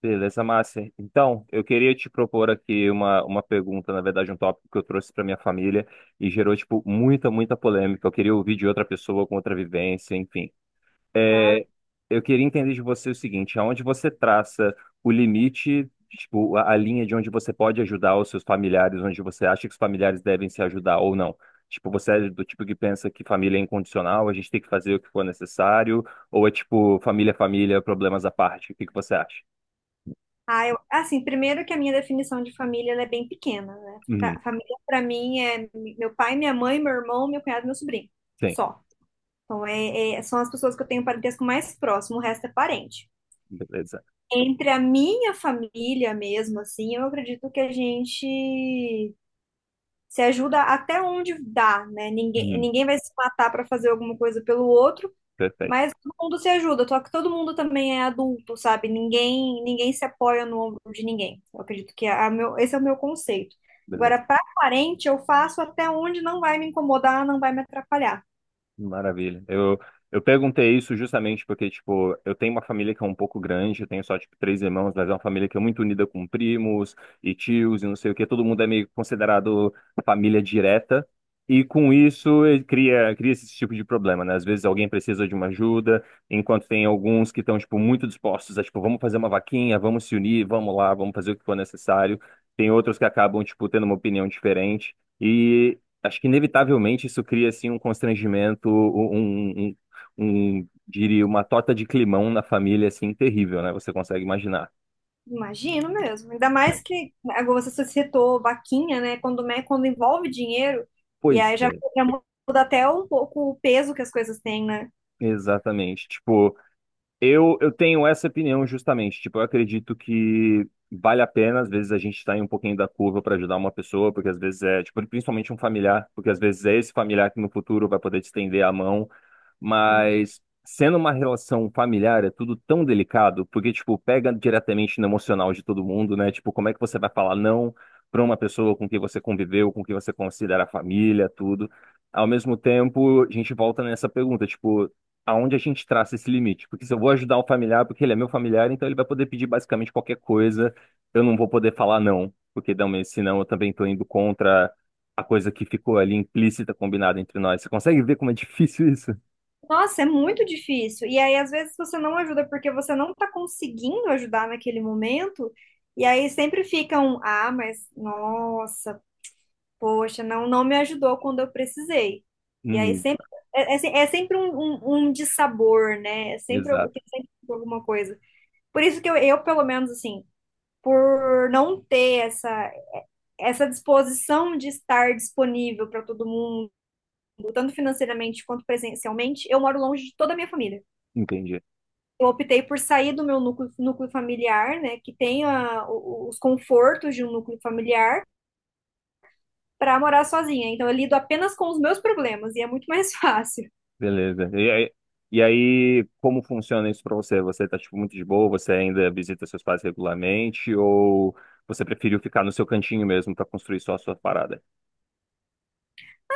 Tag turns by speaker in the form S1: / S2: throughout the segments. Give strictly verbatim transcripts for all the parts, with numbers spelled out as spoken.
S1: Beleza, Márcia. Então, eu queria te propor aqui uma, uma pergunta, na verdade, um tópico que eu trouxe para minha família e gerou, tipo, muita, muita polêmica. Eu queria ouvir de outra pessoa com outra vivência, enfim.
S2: Claro.
S1: É, eu queria entender de você o seguinte, aonde você traça o limite, tipo, a, a linha de onde você pode ajudar os seus familiares, onde você acha que os familiares devem se ajudar ou não? Tipo, você é do tipo que pensa que família é incondicional, a gente tem que fazer o que for necessário, ou é tipo, família é família, problemas à parte? O que que você acha?
S2: Ah, eu- assim, primeiro que a minha definição de família ela é bem pequena, né? Fa- Família para mim é meu pai, minha mãe, meu irmão, meu cunhado, e meu sobrinho.
S1: Sim,
S2: Só. Então é, é- são as pessoas que eu tenho parentesco mais próximo, o resto é parente.
S1: beleza.
S2: Entre a minha família mesmo, assim, eu acredito que a gente se ajuda até onde dá, né? Ninguém,
S1: Uhum,
S2: ninguém vai se matar para fazer alguma coisa pelo outro.
S1: perfeito,
S2: Mas todo mundo se ajuda, só que todo mundo também é adulto, sabe? Ninguém, ninguém se apoia no ombro de ninguém. Eu acredito que é a meu, esse é o meu conceito. Agora,
S1: beleza.
S2: para parente, eu faço até onde não vai me incomodar, não vai me atrapalhar.
S1: Maravilha. Eu, eu perguntei isso justamente porque, tipo, eu tenho uma família que é um pouco grande, eu tenho só, tipo, três irmãos, mas é uma família que é muito unida com primos e tios e não sei o quê. Todo mundo é meio considerado família direta. E com isso, ele cria, cria esse tipo de problema, né? Às vezes alguém precisa de uma ajuda, enquanto tem alguns que estão, tipo, muito dispostos a, tipo, vamos fazer uma vaquinha, vamos se unir, vamos lá, vamos fazer o que for necessário. Tem outros que acabam, tipo, tendo uma opinião diferente. E acho que inevitavelmente isso cria assim um constrangimento, um, um, um- um, diria, uma torta de climão na família assim terrível, né? Você consegue imaginar?
S2: Imagino mesmo. Ainda mais que agora você citou vaquinha, né? Quando, me- quando envolve dinheiro, e
S1: Pois
S2: aí já,
S1: é,
S2: já muda até um pouco o peso que as coisas têm, né?
S1: exatamente. Tipo, eu eu tenho essa opinião justamente. Tipo, eu acredito que vale a pena às vezes a gente sair um pouquinho da curva para ajudar uma pessoa, porque às vezes é, tipo, principalmente um familiar, porque às vezes é esse familiar que no futuro vai poder te estender a mão. Mas sendo uma relação familiar, é tudo tão delicado, porque, tipo, pega diretamente no emocional de todo mundo, né? Tipo, como é que você vai falar não para uma pessoa com quem você conviveu, com quem você considera família, tudo. Ao mesmo tempo, a gente volta nessa pergunta, tipo, aonde a gente traça esse limite? Porque se eu vou ajudar o familiar, porque ele é meu familiar, então ele vai poder pedir basicamente qualquer coisa, eu não vou poder falar não, porque não, mas senão eu também estou indo contra a coisa que ficou ali implícita, combinada entre nós. Você consegue ver como é difícil isso?
S2: Nossa, é muito difícil. E aí, às vezes, você não ajuda porque você não tá conseguindo ajudar naquele momento. E aí sempre fica um, ah, mas nossa, poxa, não, não me ajudou quando eu precisei. E aí
S1: Hum,
S2: sempre é, é se- é sempre um, um, um dissabor, né? É sempre, algu-
S1: exato,
S2: tem sempre alguma coisa. Por isso que eu, eu, pelo menos, assim, por não ter essa, essa disposição de estar disponível para todo mundo, tanto financeiramente quanto presencialmente, eu moro longe de toda a minha família.
S1: entendi.
S2: Eu optei por sair do meu núcleo, núcleo familiar, né, que tem a- o- os confortos de um núcleo familiar, para morar sozinha. Então eu lido apenas com os meus problemas e é muito mais fácil.
S1: Beleza. E aí, e aí, como funciona isso pra você? Você tá, tipo, muito de boa? Você ainda visita seus pais regularmente? Ou você preferiu ficar no seu cantinho mesmo pra construir só a sua parada?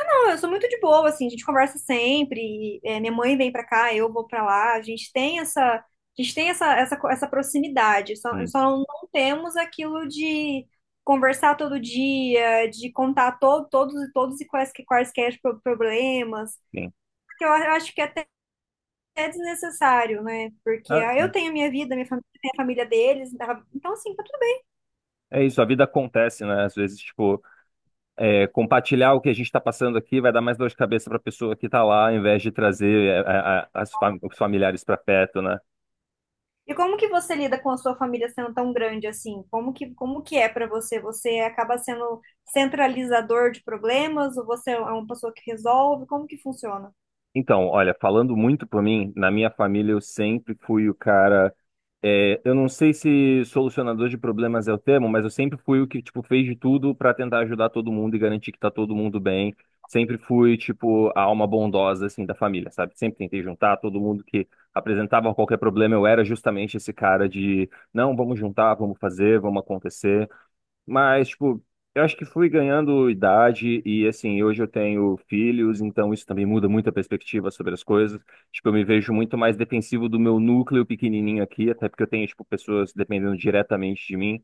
S2: Não, eu sou muito de boa, assim, a gente conversa sempre, é, minha mãe vem para cá, eu vou para lá, a gente tem essa, a gente tem essa, essa, co- essa proximidade, só,
S1: Hum,
S2: só não temos aquilo de conversar todo dia, de contar to, todos e todos e quais, quaisquer pro- problemas.
S1: sim.
S2: Porque eu acho que é é desnecessário, né? Porque
S1: Ah,
S2: ah, eu
S1: sim.
S2: tenho a minha vida, minha família tem a família deles, tá? Então assim, tá tudo bem.
S1: É isso, a vida acontece, né? Às vezes, tipo, é, compartilhar o que a gente tá passando aqui vai dar mais dor de cabeça pra pessoa que tá lá, ao invés de trazer é, a- a- as fam- os familiares pra perto, né?
S2: E como que você lida com a sua família sendo tão grande assim? Como que, como que é pra você? Você acaba sendo centralizador de problemas ou você é um, é uma pessoa que resolve? Como que funciona?
S1: Então, olha, falando muito por mim, na minha família eu sempre fui o cara. É, eu não sei se solucionador de problemas é o termo, mas eu sempre fui o que, tipo, fez de tudo para tentar ajudar todo mundo e garantir que tá todo mundo bem. Sempre fui, tipo, a alma bondosa, assim, da família, sabe? Sempre tentei juntar todo mundo que apresentava qualquer problema. Eu era justamente esse cara de, não, vamos juntar, vamos fazer, vamos acontecer. Mas, tipo, eu acho que fui ganhando idade e, assim, hoje eu tenho filhos, então isso também muda muito a perspectiva sobre as coisas. Tipo, eu me vejo muito mais defensivo do meu núcleo pequenininho aqui, até porque eu tenho, tipo, pessoas dependendo diretamente de mim.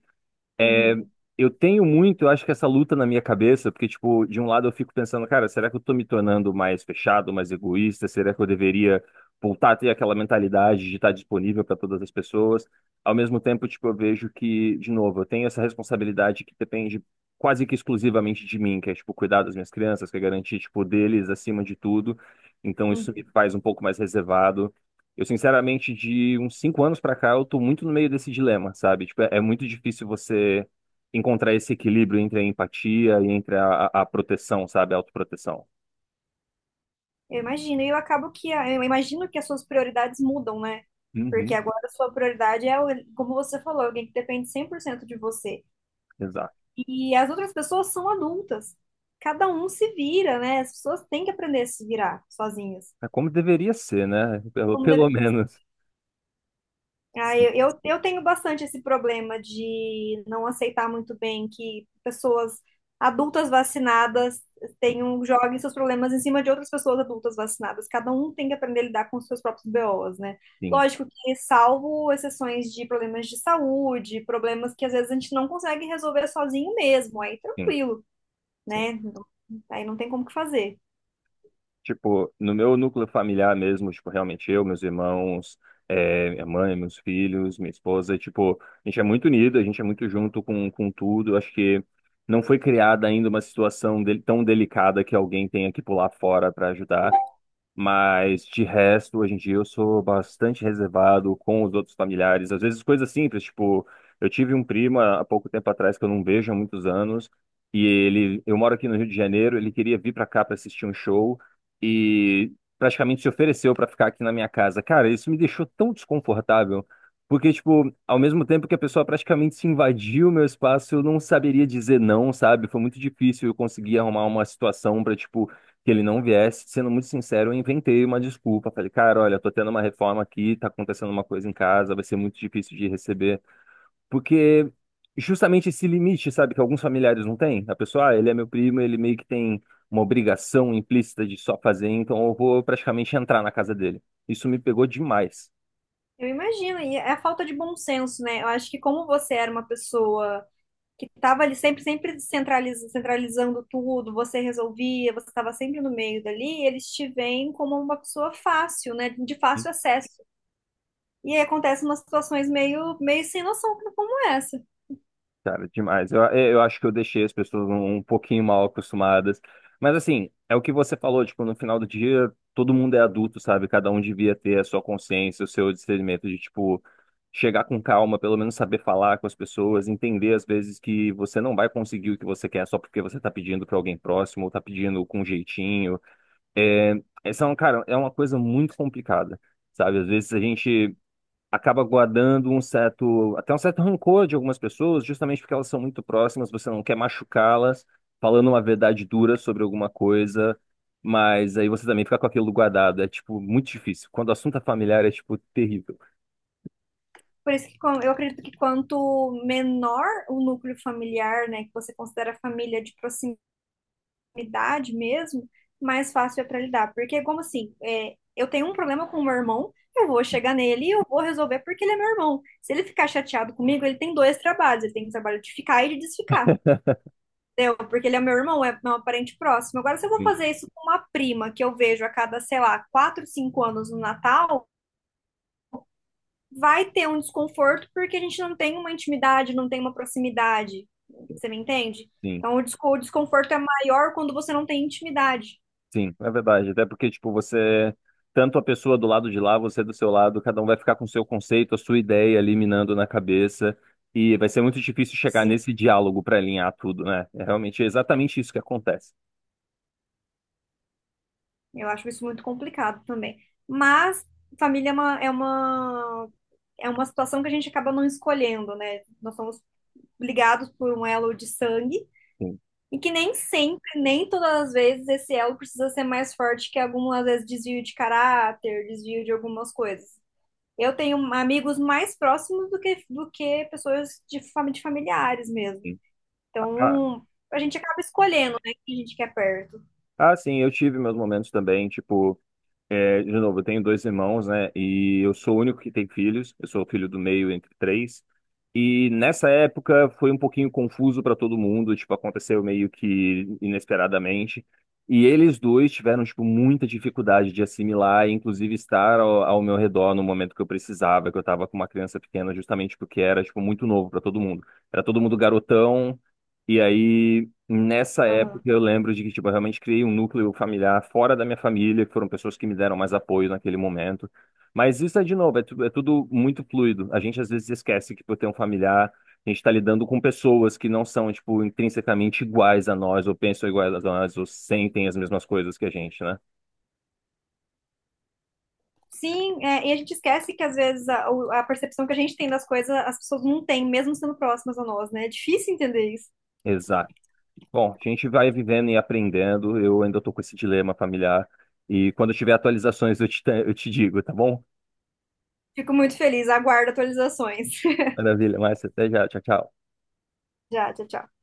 S1: É,
S2: Uhum,
S1: Eu tenho muito, eu acho que essa luta na minha cabeça, porque, tipo, de um lado eu fico pensando, cara, será que eu tô me tornando mais fechado, mais egoísta? Será que eu deveria voltar a ter aquela mentalidade de estar disponível para todas as pessoas? Ao mesmo tempo, tipo, eu vejo que, de novo, eu tenho essa responsabilidade que depende quase que exclusivamente de mim, que é, tipo, cuidar das minhas crianças, que é garantir, tipo, deles acima de tudo. Então, isso
S2: uhum.
S1: me faz um pouco mais reservado. Eu, sinceramente, de uns cinco anos pra cá, eu tô muito no meio desse dilema, sabe? Tipo, é, é muito difícil você encontrar esse equilíbrio entre a empatia e entre a, a, a proteção, sabe? A autoproteção.
S2: Eu imagino, e eu acabo que a- eu imagino que as suas prioridades mudam, né? Porque
S1: Uhum,
S2: agora a sua prioridade é, o- como você falou, alguém que depende cem por cento de você.
S1: exato.
S2: E as outras pessoas são adultas. Cada um se vira, né? As pessoas têm que aprender a se virar sozinhas.
S1: É como deveria ser, né? Pelo,
S2: Como deve...
S1: pelo menos.
S2: ah,
S1: Sim,
S2: eu, eu, eu tenho bastante esse problema de não aceitar muito bem que pessoas adultas vacinadas tenham, joguem seus problemas em cima de outras pessoas adultas vacinadas. Cada um tem que aprender a lidar com os seus próprios B Os, né?
S1: sim,
S2: Lógico que, salvo exceções de problemas de saúde, problemas que às vezes a gente não consegue resolver sozinho mesmo, aí
S1: sim,
S2: tranquilo.
S1: sim.
S2: Né? Aí não tem como que fazer.
S1: Tipo, no meu núcleo familiar mesmo, tipo, realmente eu, meus irmãos, eh, minha mãe, meus filhos, minha esposa, tipo, a gente é muito unido, a gente é muito junto com, com tudo. Acho que não foi criada ainda uma situação del- tão delicada que alguém tenha que pular fora para ajudar. Mas de resto, hoje em dia eu sou bastante reservado com os outros familiares. Às vezes coisas simples, tipo, eu tive um primo há há pouco tempo atrás que eu não vejo há muitos anos, e ele, eu moro aqui no Rio de Janeiro, ele queria vir para cá para assistir um show e praticamente se ofereceu para ficar aqui na minha casa. Cara, isso me deixou tão desconfortável, porque tipo, ao mesmo tempo que a pessoa praticamente se invadiu o meu espaço, eu não saberia dizer não, sabe? Foi muito difícil eu conseguir arrumar uma situação para tipo que ele não viesse, sendo muito sincero, eu inventei uma desculpa. Falei, cara, olha, tô tendo uma reforma aqui, tá acontecendo uma coisa em casa, vai ser muito difícil de receber. Porque justamente esse limite, sabe, que alguns familiares não têm. A pessoa, ah, ele é meu primo, ele meio que tem uma obrigação implícita de só fazer, então eu vou praticamente entrar na casa dele. Isso me pegou demais.
S2: Eu imagino, e é a falta de bom senso, né? Eu acho que como você era uma pessoa que estava ali sempre, sempre centraliz- centralizando tudo, você resolvia, você estava sempre no meio dali, eles te veem como uma pessoa fácil, né? De fácil acesso. E aí acontecem umas situações meio, meio sem noção como é essa.
S1: Cara, demais. Eu, é, eu acho que eu deixei as pessoas um, um pouquinho mal acostumadas. Mas assim, é o que você falou, tipo, no final do dia, todo mundo é adulto, sabe? Cada um devia ter a sua consciência, o seu discernimento de, tipo, chegar com calma, pelo menos saber falar com as pessoas, entender às vezes que você não vai conseguir o que você quer só porque você tá pedindo pra alguém próximo, ou tá pedindo com jeitinho. É, essa é, um- cara, é uma coisa muito complicada, sabe? Às vezes a gente acaba guardando um certo, até um certo rancor de algumas pessoas, justamente porque elas são muito próximas, você não quer machucá-las, falando uma verdade dura sobre alguma coisa, mas aí você também fica com aquilo guardado. É, tipo, muito difícil. Quando o assunto é familiar, é, tipo, terrível.
S2: Por isso que quan- eu acredito que quanto menor o núcleo familiar, né, que você considera família de proximidade, proximidade mesmo, mais fácil é para lidar. Porque, como assim, é, eu tenho um problema com o meu irmão, eu vou chegar nele e eu vou resolver porque ele é meu irmão. Se ele ficar chateado comigo, ele tem dois trabalhos. Ele tem o trabalho de ficar e de desficar. Entendeu? Porque ele é meu irmão, é meu parente próximo. Agora, se eu vou
S1: Sim,
S2: fazer isso com uma prima que eu vejo a cada, sei lá, quatro, cinco anos no Natal, vai ter um desconforto porque a gente não tem uma intimidade, não tem uma proximidade. Você me entende?
S1: sim,
S2: Então, o desco- o desconforto é maior quando você não tem intimidade.
S1: sim, é verdade. Até porque, tipo, você, tanto a pessoa do lado de lá, você do seu lado, cada um vai ficar com o seu conceito, a sua ideia ali minando na cabeça. E vai ser muito difícil chegar
S2: Sim.
S1: nesse diálogo para alinhar tudo, né? É realmente exatamente isso que acontece.
S2: Eu acho isso muito complicado também. Mas família é uma, é uma, é uma situação que a gente acaba não escolhendo, né? Nós somos ligados por um elo de sangue
S1: Sim.
S2: e que nem sempre, nem todas as vezes, esse elo precisa ser mais forte que algumas vezes desvio de caráter, desvio de algumas coisas. Eu tenho amigos mais próximos do que, do que pessoas de, fami- de familiares mesmo.
S1: Ah,
S2: Então, a gente acaba escolhendo, né, quem a gente quer perto.
S1: ah, sim, eu tive meus momentos também, tipo, é, de novo, eu tenho dois irmãos, né, e eu sou o único que tem filhos, eu sou o filho do meio entre três, e nessa época foi um pouquinho confuso para todo mundo, tipo, aconteceu meio que inesperadamente, e eles dois tiveram, tipo, muita dificuldade de assimilar, e inclusive estar ao, ao meu redor no momento que eu precisava, que eu tava com uma criança pequena, justamente porque era, tipo, muito novo para todo mundo. Era todo mundo garotão, e aí nessa época,
S2: Aham.
S1: eu lembro de que, tipo, eu realmente criei um núcleo familiar fora da minha família, que foram pessoas que me deram mais apoio naquele momento. Mas isso é, de novo, é, tu- é tudo muito fluido. A gente, às vezes, esquece que, por ter um familiar, a gente está lidando com pessoas que não são, tipo, intrinsecamente iguais a nós, ou pensam iguais a nós, ou sentem as mesmas coisas que a gente, né?
S2: Sim, é, e a gente esquece que às vezes a, o- a percepção que a gente tem das coisas, as pessoas não têm, mesmo sendo próximas a nós, né? É difícil entender isso.
S1: Exato. Bom, a gente vai vivendo e aprendendo. Eu ainda estou com esse dilema familiar. E quando eu tiver atualizações, eu te, eu te digo, tá bom?
S2: Fico muito feliz, aguardo atualizações.
S1: Maravilha, Márcia. Até já. Tchau, tchau.
S2: Já, tchau, tchau.